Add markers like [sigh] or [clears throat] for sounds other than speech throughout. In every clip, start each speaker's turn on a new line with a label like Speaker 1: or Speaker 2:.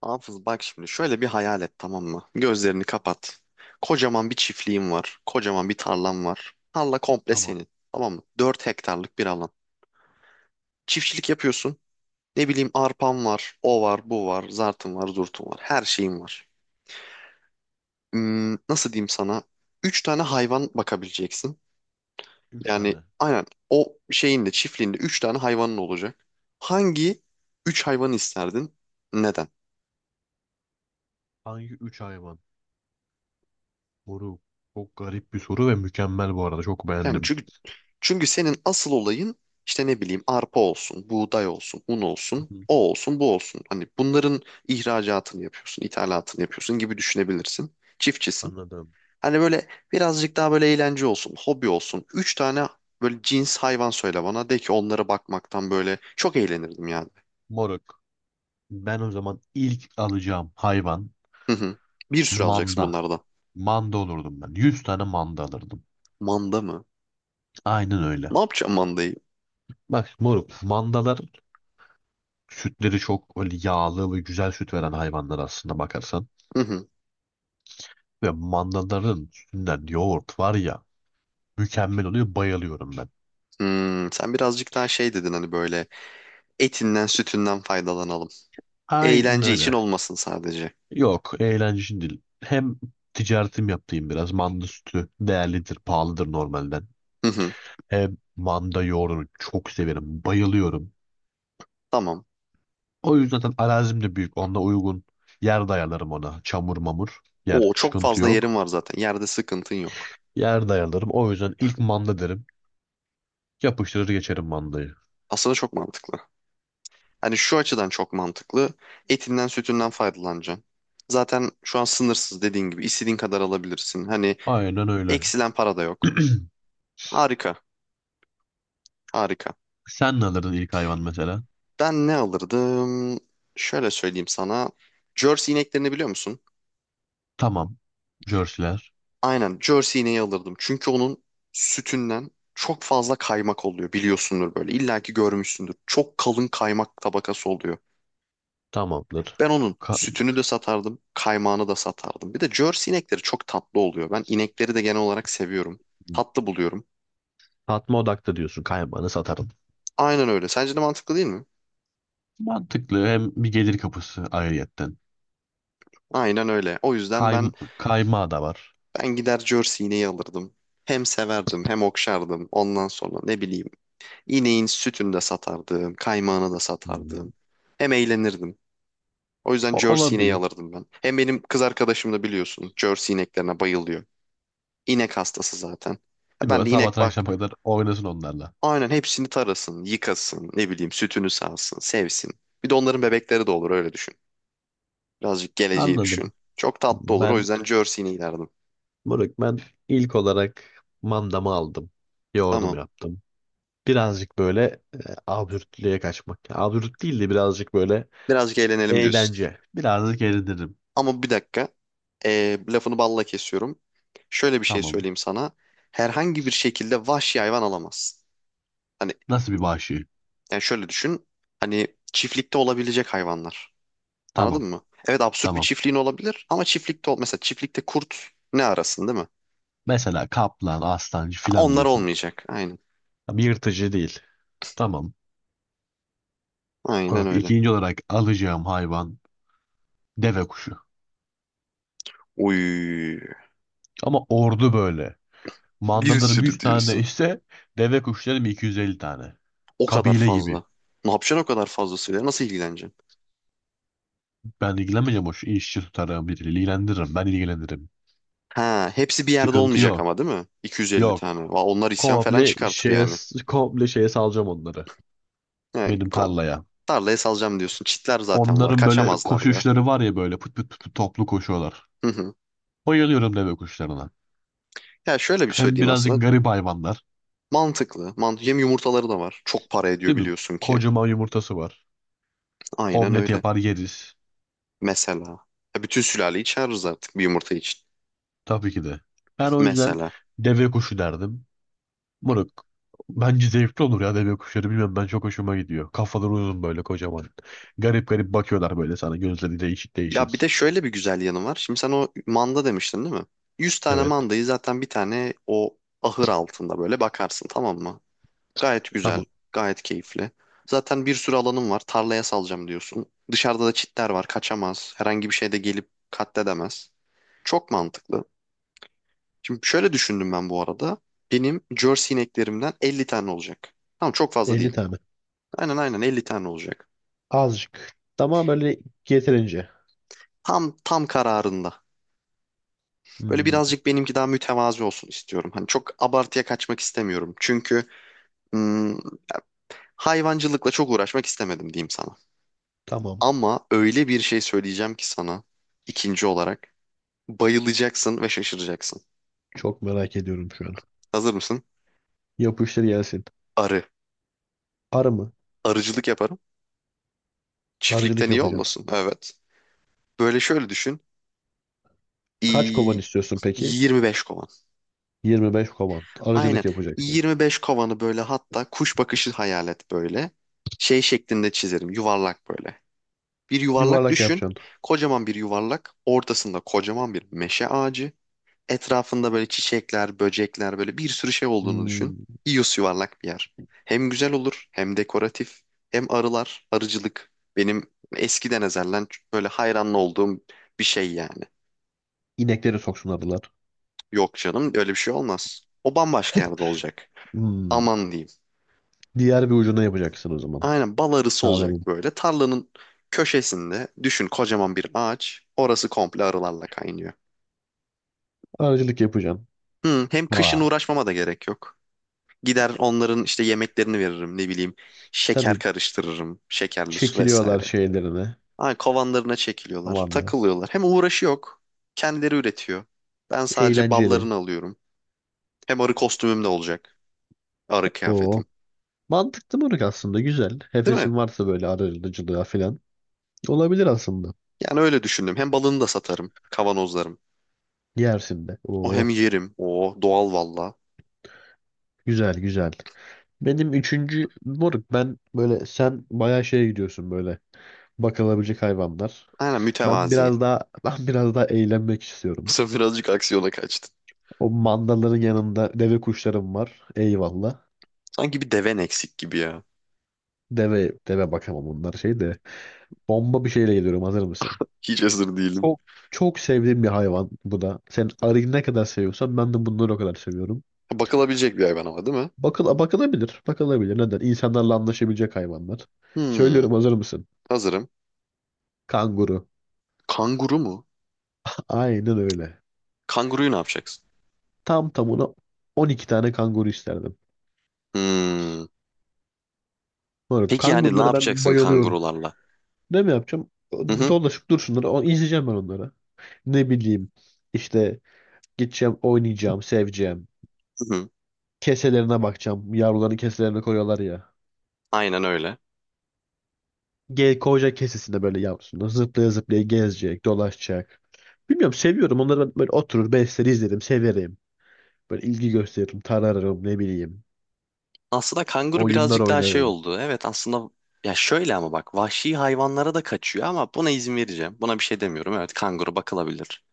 Speaker 1: Hafız bak şimdi şöyle bir hayal et tamam mı? Gözlerini kapat. Kocaman bir çiftliğin var. Kocaman bir tarlan var. Tarla komple
Speaker 2: Tamam.
Speaker 1: senin. Tamam mı? 4 hektarlık bir alan. Çiftçilik yapıyorsun. Ne bileyim arpan var, o var, bu var, zartın var, zurtun var. Her şeyin var. Nasıl diyeyim sana? 3 tane hayvan bakabileceksin.
Speaker 2: Üç
Speaker 1: Yani
Speaker 2: tane.
Speaker 1: aynen o şeyin de çiftliğinde 3 tane hayvanın olacak. Hangi 3 hayvanı isterdin? Neden?
Speaker 2: Hangi üç hayvan? Moruk. Çok garip bir soru ve mükemmel bu arada. Çok
Speaker 1: Yani
Speaker 2: beğendim.
Speaker 1: çünkü senin asıl olayın işte ne bileyim arpa olsun, buğday olsun, un
Speaker 2: Hı
Speaker 1: olsun,
Speaker 2: hı.
Speaker 1: o olsun, bu olsun. Hani bunların ihracatını yapıyorsun, ithalatını yapıyorsun gibi düşünebilirsin. Çiftçisin.
Speaker 2: Anladım.
Speaker 1: Hani böyle birazcık daha böyle eğlence olsun, hobi olsun. Üç tane böyle cins hayvan söyle bana. De ki onlara bakmaktan böyle çok eğlenirdim yani.
Speaker 2: Moruk. Ben o zaman ilk alacağım hayvan
Speaker 1: Hı hı. Bir sürü alacaksın
Speaker 2: manda.
Speaker 1: bunlardan.
Speaker 2: Manda olurdum ben. 100 tane manda alırdım.
Speaker 1: Manda mı?
Speaker 2: Aynen öyle.
Speaker 1: Ne yapacağım mandayı?
Speaker 2: Bak moruk. Mandalar sütleri çok öyle yağlı ve güzel süt veren hayvanlar aslında bakarsan.
Speaker 1: Hı hı.
Speaker 2: Ve mandaların sütünden yoğurt var ya mükemmel oluyor. Bayılıyorum ben.
Speaker 1: Sen birazcık daha şey dedin hani böyle etinden sütünden faydalanalım.
Speaker 2: Aynen
Speaker 1: Eğlence için
Speaker 2: öyle.
Speaker 1: olmasın sadece.
Speaker 2: Yok, eğlence değil. Hem ticaretim yaptığım biraz. Manda sütü değerlidir, pahalıdır normalden.
Speaker 1: Hı hı,
Speaker 2: Hem manda yoğurdunu çok severim, bayılıyorum.
Speaker 1: tamam.
Speaker 2: O yüzden zaten arazim de büyük. Onunla uygun yer dayalarım ona. Çamur mamur yer,
Speaker 1: Oo çok
Speaker 2: sıkıntı
Speaker 1: fazla yerin
Speaker 2: yok.
Speaker 1: var zaten. Yerde sıkıntın yok.
Speaker 2: Yer dayalarım. O yüzden ilk manda derim. Yapıştırır geçerim mandayı.
Speaker 1: Aslında çok mantıklı. Hani şu açıdan çok mantıklı. Etinden sütünden faydalanacaksın. Zaten şu an sınırsız dediğin gibi istediğin kadar alabilirsin. Hani
Speaker 2: Aynen öyle.
Speaker 1: eksilen para da yok.
Speaker 2: [clears throat]
Speaker 1: Harika, harika.
Speaker 2: Sen ne alırdın ilk hayvan mesela?
Speaker 1: Ben ne alırdım? Şöyle söyleyeyim sana. Jersey ineklerini biliyor musun?
Speaker 2: Tamam. Jerseyler.
Speaker 1: Aynen Jersey ineği alırdım. Çünkü onun sütünden çok fazla kaymak oluyor biliyorsundur böyle. İlla ki görmüşsündür. Çok kalın kaymak tabakası oluyor.
Speaker 2: Tamamdır.
Speaker 1: Ben onun
Speaker 2: Ka-
Speaker 1: sütünü de satardım, kaymağını da satardım. Bir de Jersey inekleri çok tatlı oluyor. Ben inekleri de genel olarak seviyorum. Tatlı buluyorum.
Speaker 2: Satma odaklı diyorsun. Kaymağını satarım.
Speaker 1: Aynen öyle. Sence de mantıklı değil mi?
Speaker 2: Mantıklı. Hem bir gelir kapısı ayrıyetten.
Speaker 1: Aynen öyle. O yüzden
Speaker 2: Kay,
Speaker 1: ben
Speaker 2: kaymağı da var.
Speaker 1: ben gider Jersey ineği alırdım. Hem severdim, hem okşardım. Ondan sonra ne bileyim, ineğin sütünü de satardım, kaymağını da satardım.
Speaker 2: Hmm.
Speaker 1: Hem eğlenirdim. O yüzden
Speaker 2: O,
Speaker 1: Jersey ineği
Speaker 2: olabilir.
Speaker 1: alırdım ben. Hem benim kız arkadaşım da biliyorsun, Jersey ineklerine bayılıyor. İnek hastası zaten. Ya
Speaker 2: Değil mi?
Speaker 1: Ben
Speaker 2: Böyle
Speaker 1: de inek
Speaker 2: sabahtan
Speaker 1: bak
Speaker 2: akşama kadar oynasın onlarla.
Speaker 1: Aynen hepsini tarasın, yıkasın, ne bileyim sütünü sağsın, sevsin. Bir de onların bebekleri de olur öyle düşün. Birazcık geleceği düşün.
Speaker 2: Anladım.
Speaker 1: Çok tatlı olur o
Speaker 2: Ben
Speaker 1: yüzden Jersey'ni ilerdim.
Speaker 2: Burak, ben ilk olarak mandamı aldım. Yoğurdumu
Speaker 1: Tamam.
Speaker 2: yaptım. Birazcık böyle e, absürtlüğe kaçmak. Absürt değil de birazcık böyle
Speaker 1: Birazcık eğlenelim diyorsun.
Speaker 2: eğlence. Birazcık eğlenirim.
Speaker 1: Ama bir dakika. Lafını balla kesiyorum. Şöyle bir şey
Speaker 2: Tamam.
Speaker 1: söyleyeyim sana. Herhangi bir şekilde vahşi hayvan alamazsın. Hani
Speaker 2: Nasıl bir vahşi?
Speaker 1: yani şöyle düşün. Hani çiftlikte olabilecek hayvanlar.
Speaker 2: Tamam.
Speaker 1: Anladın mı? Evet absürt bir
Speaker 2: Tamam.
Speaker 1: çiftliğin olabilir ama çiftlikte ol mesela çiftlikte kurt ne arasın değil mi?
Speaker 2: Mesela kaplan, aslancı
Speaker 1: Ha,
Speaker 2: filan
Speaker 1: onlar
Speaker 2: diyorsun.
Speaker 1: olmayacak. Aynen.
Speaker 2: Tabii yırtıcı değil. Tamam.
Speaker 1: Aynen
Speaker 2: Olarak,
Speaker 1: öyle.
Speaker 2: ikinci olarak alacağım hayvan deve kuşu.
Speaker 1: Uy,
Speaker 2: Ama ordu böyle.
Speaker 1: bir
Speaker 2: Mandalarım
Speaker 1: sürü
Speaker 2: 100 tane
Speaker 1: diyorsun.
Speaker 2: ise deve kuşlarım 250 tane.
Speaker 1: O kadar
Speaker 2: Kabile gibi.
Speaker 1: fazla. Ne yapacaksın o kadar fazlasıyla? Nasıl ilgileneceksin?
Speaker 2: Ben ilgilenmeyeceğim, o işçi tutarım, bir ilgilendiririm. Ben ilgilendiririm.
Speaker 1: Ha, hepsi bir yerde
Speaker 2: Sıkıntı
Speaker 1: olmayacak
Speaker 2: yok.
Speaker 1: ama değil mi? 250
Speaker 2: Yok.
Speaker 1: tane. Va, onlar isyan falan
Speaker 2: Komple
Speaker 1: çıkartır
Speaker 2: şeye,
Speaker 1: yani.
Speaker 2: komple şeye salacağım onları.
Speaker 1: Yani
Speaker 2: Benim
Speaker 1: kom-
Speaker 2: tarlaya.
Speaker 1: Tarlaya salacağım diyorsun. Çitler zaten var.
Speaker 2: Onların böyle
Speaker 1: Kaçamazlar da.
Speaker 2: koşuşları var ya, böyle pıt pıt pıt pıt toplu koşuyorlar.
Speaker 1: Hı hı.
Speaker 2: Bayılıyorum deve kuşlarına.
Speaker 1: Ya şöyle bir
Speaker 2: Hem
Speaker 1: söyleyeyim aslında.
Speaker 2: birazcık garip hayvanlar.
Speaker 1: Mantıklı. Hem yumurtaları da var. Çok para ediyor
Speaker 2: Değil mi?
Speaker 1: biliyorsun ki.
Speaker 2: Kocaman yumurtası var.
Speaker 1: Aynen
Speaker 2: Omlet
Speaker 1: öyle.
Speaker 2: yapar yeriz.
Speaker 1: Mesela. Ya bütün sülaleyi çağırırız artık bir yumurta için.
Speaker 2: Tabii ki de. Ben o yüzden
Speaker 1: Mesela.
Speaker 2: deve kuşu derdim. Moruk. Bence zevkli olur ya deve kuşları. Bilmem ben çok hoşuma gidiyor. Kafaları uzun böyle kocaman. Garip garip bakıyorlar böyle sana. Gözleri değişik
Speaker 1: Ya bir de
Speaker 2: değişik.
Speaker 1: şöyle bir güzel yanı var. Şimdi sen o manda demiştin değil mi? 100 tane
Speaker 2: Evet.
Speaker 1: mandayı zaten bir tane o ahır altında böyle bakarsın tamam mı? Gayet güzel,
Speaker 2: Tamam.
Speaker 1: gayet keyifli. Zaten bir sürü alanım var. Tarlaya salacağım diyorsun. Dışarıda da çitler var, kaçamaz. Herhangi bir şey de gelip katledemez. Çok mantıklı. Şimdi şöyle düşündüm ben bu arada. Benim Jersey ineklerimden 50 tane olacak. Tamam çok fazla
Speaker 2: 50
Speaker 1: değil.
Speaker 2: tane.
Speaker 1: Aynen aynen 50 tane olacak.
Speaker 2: Azıcık. Tamam böyle yeterince.
Speaker 1: Tam tam kararında. Böyle
Speaker 2: Hmm,
Speaker 1: birazcık benimki daha mütevazi olsun istiyorum. Hani çok abartıya kaçmak istemiyorum. Hmm, Hayvancılıkla çok uğraşmak istemedim diyeyim sana.
Speaker 2: tamam.
Speaker 1: Ama öyle bir şey söyleyeceğim ki sana ikinci olarak bayılacaksın ve şaşıracaksın.
Speaker 2: Çok merak ediyorum şu an.
Speaker 1: Hazır mısın?
Speaker 2: Yapıştır gelsin.
Speaker 1: Arı.
Speaker 2: Arı mı?
Speaker 1: Arıcılık yaparım. Çiftlikten
Speaker 2: Arıcılık
Speaker 1: iyi
Speaker 2: yapacaksın.
Speaker 1: olmasın? Evet. Böyle şöyle düşün.
Speaker 2: Kaç kovan
Speaker 1: İyi,
Speaker 2: istiyorsun peki?
Speaker 1: 25 kovan.
Speaker 2: 25 kovan.
Speaker 1: Aynen.
Speaker 2: Arıcılık yapacaksın.
Speaker 1: 25 kovanı böyle hatta kuş bakışı hayal et böyle. Şey şeklinde çizerim. Yuvarlak böyle. Bir yuvarlak
Speaker 2: Yuvarlak
Speaker 1: düşün.
Speaker 2: yapacaksın.
Speaker 1: Kocaman bir yuvarlak. Ortasında kocaman bir meşe ağacı. Etrafında böyle çiçekler, böcekler böyle bir sürü şey olduğunu düşün.
Speaker 2: Hmm,
Speaker 1: İyos yuvarlak bir yer. Hem güzel olur hem dekoratif. Hem arılar, arıcılık. Benim eskiden ezelden böyle hayranlı olduğum bir şey yani.
Speaker 2: inekleri soksun arılar.
Speaker 1: Yok canım öyle bir şey olmaz. O bambaşka yerde olacak.
Speaker 2: Hmm,
Speaker 1: Aman diyeyim.
Speaker 2: diğer bir ucuna yapacaksın o zaman.
Speaker 1: Aynen bal arısı olacak
Speaker 2: Tarlanın.
Speaker 1: böyle. Tarlanın köşesinde düşün kocaman bir ağaç. Orası komple arılarla kaynıyor.
Speaker 2: Arıcılık yapacaksın.
Speaker 1: Hı, hem kışın
Speaker 2: Vay.
Speaker 1: uğraşmama da gerek yok. Gider onların işte yemeklerini veririm ne bileyim. Şeker
Speaker 2: Tabii
Speaker 1: karıştırırım. Şekerli su
Speaker 2: çekiliyorlar
Speaker 1: vesaire.
Speaker 2: şeylerine.
Speaker 1: Ay kovanlarına çekiliyorlar.
Speaker 2: Aman da.
Speaker 1: Takılıyorlar. Hem uğraşı yok. Kendileri üretiyor. Ben sadece
Speaker 2: Eğlenceli.
Speaker 1: ballarını alıyorum. Hem arı kostümüm de olacak. Arı kıyafetim.
Speaker 2: O. Mantıklı mırık aslında. Güzel.
Speaker 1: Değil mi?
Speaker 2: Hefesin varsa böyle arıcılığa falan. Olabilir aslında.
Speaker 1: Yani öyle düşündüm. Hem balını da satarım. Kavanozlarım.
Speaker 2: Yersin de.
Speaker 1: O hem
Speaker 2: Oo.
Speaker 1: yerim. O doğal valla.
Speaker 2: Güzel güzel. Benim üçüncü moruk, ben böyle sen bayağı şeye gidiyorsun, böyle bakılabilecek hayvanlar.
Speaker 1: Aynen
Speaker 2: Ben
Speaker 1: mütevazi.
Speaker 2: biraz daha ben biraz daha eğlenmek
Speaker 1: [laughs] Bu
Speaker 2: istiyorum.
Speaker 1: sefer birazcık aksiyona kaçtın.
Speaker 2: O mandaların yanında deve kuşlarım var. Eyvallah.
Speaker 1: Sanki bir deven eksik gibi ya.
Speaker 2: Deve bakamam, bunlar şey de. Bomba bir şeyle geliyorum, hazır mısın?
Speaker 1: Hiç hazır değilim.
Speaker 2: Çok çok sevdiğim bir hayvan bu da. Sen arıyı ne kadar seviyorsan ben de bunları o kadar seviyorum.
Speaker 1: Bakılabilecek bir hayvan ama değil mi?
Speaker 2: Bakılabilir. Bakılabilir. Neden? İnsanlarla anlaşabilecek hayvanlar.
Speaker 1: Hmm,
Speaker 2: Söylüyorum, hazır mısın?
Speaker 1: Hazırım.
Speaker 2: Kanguru.
Speaker 1: Kanguru mu?
Speaker 2: Aynen öyle.
Speaker 1: Kanguruyu ne yapacaksın?
Speaker 2: Tam tamına 12 tane kanguru isterdim.
Speaker 1: Hmm.
Speaker 2: Böyle
Speaker 1: Peki yani ne
Speaker 2: kangurulara ben
Speaker 1: yapacaksın
Speaker 2: bayılıyorum.
Speaker 1: kangurularla?
Speaker 2: Ne mi yapacağım?
Speaker 1: Hı hı,
Speaker 2: Dolaşıp dursunlar. İzleyeceğim ben onları. Ne bileyim. İşte gideceğim, oynayacağım, seveceğim.
Speaker 1: hı hı.
Speaker 2: Keselerine bakacağım. Yavruların keselerine koyuyorlar ya.
Speaker 1: Aynen öyle.
Speaker 2: Ge koca kesesinde böyle yavrusunu zıplaya zıplaya gezecek, dolaşacak. Bilmiyorum, seviyorum. Onları ben böyle oturur besleri izlerim, severim. Böyle ilgi gösteririm, tararım, ne bileyim.
Speaker 1: Aslında kanguru
Speaker 2: Oyunlar
Speaker 1: birazcık daha şey
Speaker 2: oynarım.
Speaker 1: oldu. Evet aslında ya şöyle ama bak vahşi hayvanlara da kaçıyor ama buna izin vereceğim. Buna bir şey demiyorum. Evet kanguru bakılabilir.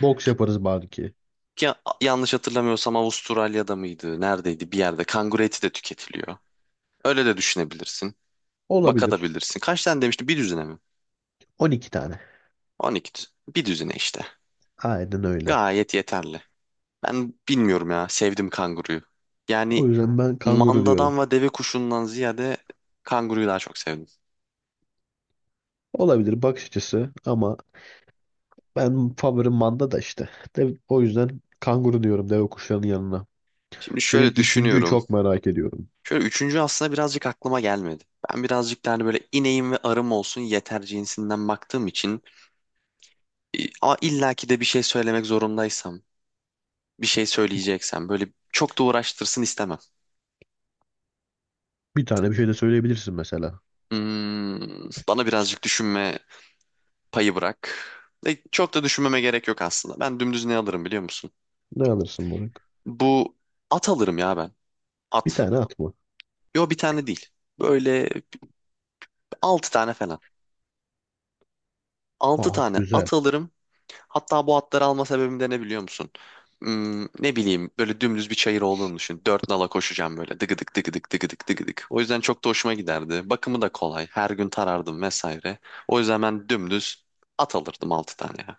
Speaker 2: Boks
Speaker 1: Ki,
Speaker 2: yaparız belki.
Speaker 1: Yanlış hatırlamıyorsam Avustralya'da mıydı? Neredeydi? Bir yerde kanguru eti de tüketiliyor. Öyle de düşünebilirsin.
Speaker 2: Olabilir.
Speaker 1: Bakabilirsin. Kaç tane demiştim? Bir düzine mi?
Speaker 2: 12 tane.
Speaker 1: 12 düzine. Bir düzine işte.
Speaker 2: Aynen öyle.
Speaker 1: Gayet yeterli. Ben bilmiyorum ya. Sevdim kanguruyu.
Speaker 2: O
Speaker 1: Yani
Speaker 2: yüzden ben kanguru diyorum.
Speaker 1: mandadan ve deve kuşundan ziyade kanguruyu daha çok sevdim.
Speaker 2: Olabilir bakış açısı, ama ben favorim manda da işte. De, o yüzden kanguru diyorum deve kuşlarının yanına.
Speaker 1: Şimdi
Speaker 2: Senin
Speaker 1: şöyle
Speaker 2: üçüncüyü
Speaker 1: düşünüyorum.
Speaker 2: çok merak ediyorum.
Speaker 1: Şöyle üçüncü aslında birazcık aklıma gelmedi. Ben birazcık daha hani böyle ineğim ve arım olsun yeter cinsinden baktığım için ama illaki de bir şey söylemek zorundaysam, bir şey söyleyeceksem böyle çok da uğraştırsın istemem.
Speaker 2: Bir tane bir şey de söyleyebilirsin mesela.
Speaker 1: Bana birazcık düşünme payı bırak. Çok da düşünmeme gerek yok aslında. Ben dümdüz ne alırım biliyor musun?
Speaker 2: Ne alırsın, Burak?
Speaker 1: Bu at alırım ya ben.
Speaker 2: Bir
Speaker 1: At.
Speaker 2: tane at mı?
Speaker 1: Yo bir tane değil. Böyle altı tane falan. Altı
Speaker 2: At
Speaker 1: tane
Speaker 2: güzel.
Speaker 1: at alırım. Hatta bu atları alma sebebim de ne biliyor musun? Ne bileyim böyle dümdüz bir çayır olduğunu düşün. Dört nala koşacağım böyle dıgıdık dıgıdık dıgıdık dıgıdık. O yüzden çok da hoşuma giderdi. Bakımı da kolay. Her gün tarardım vesaire. O yüzden ben dümdüz at alırdım altı tane ya.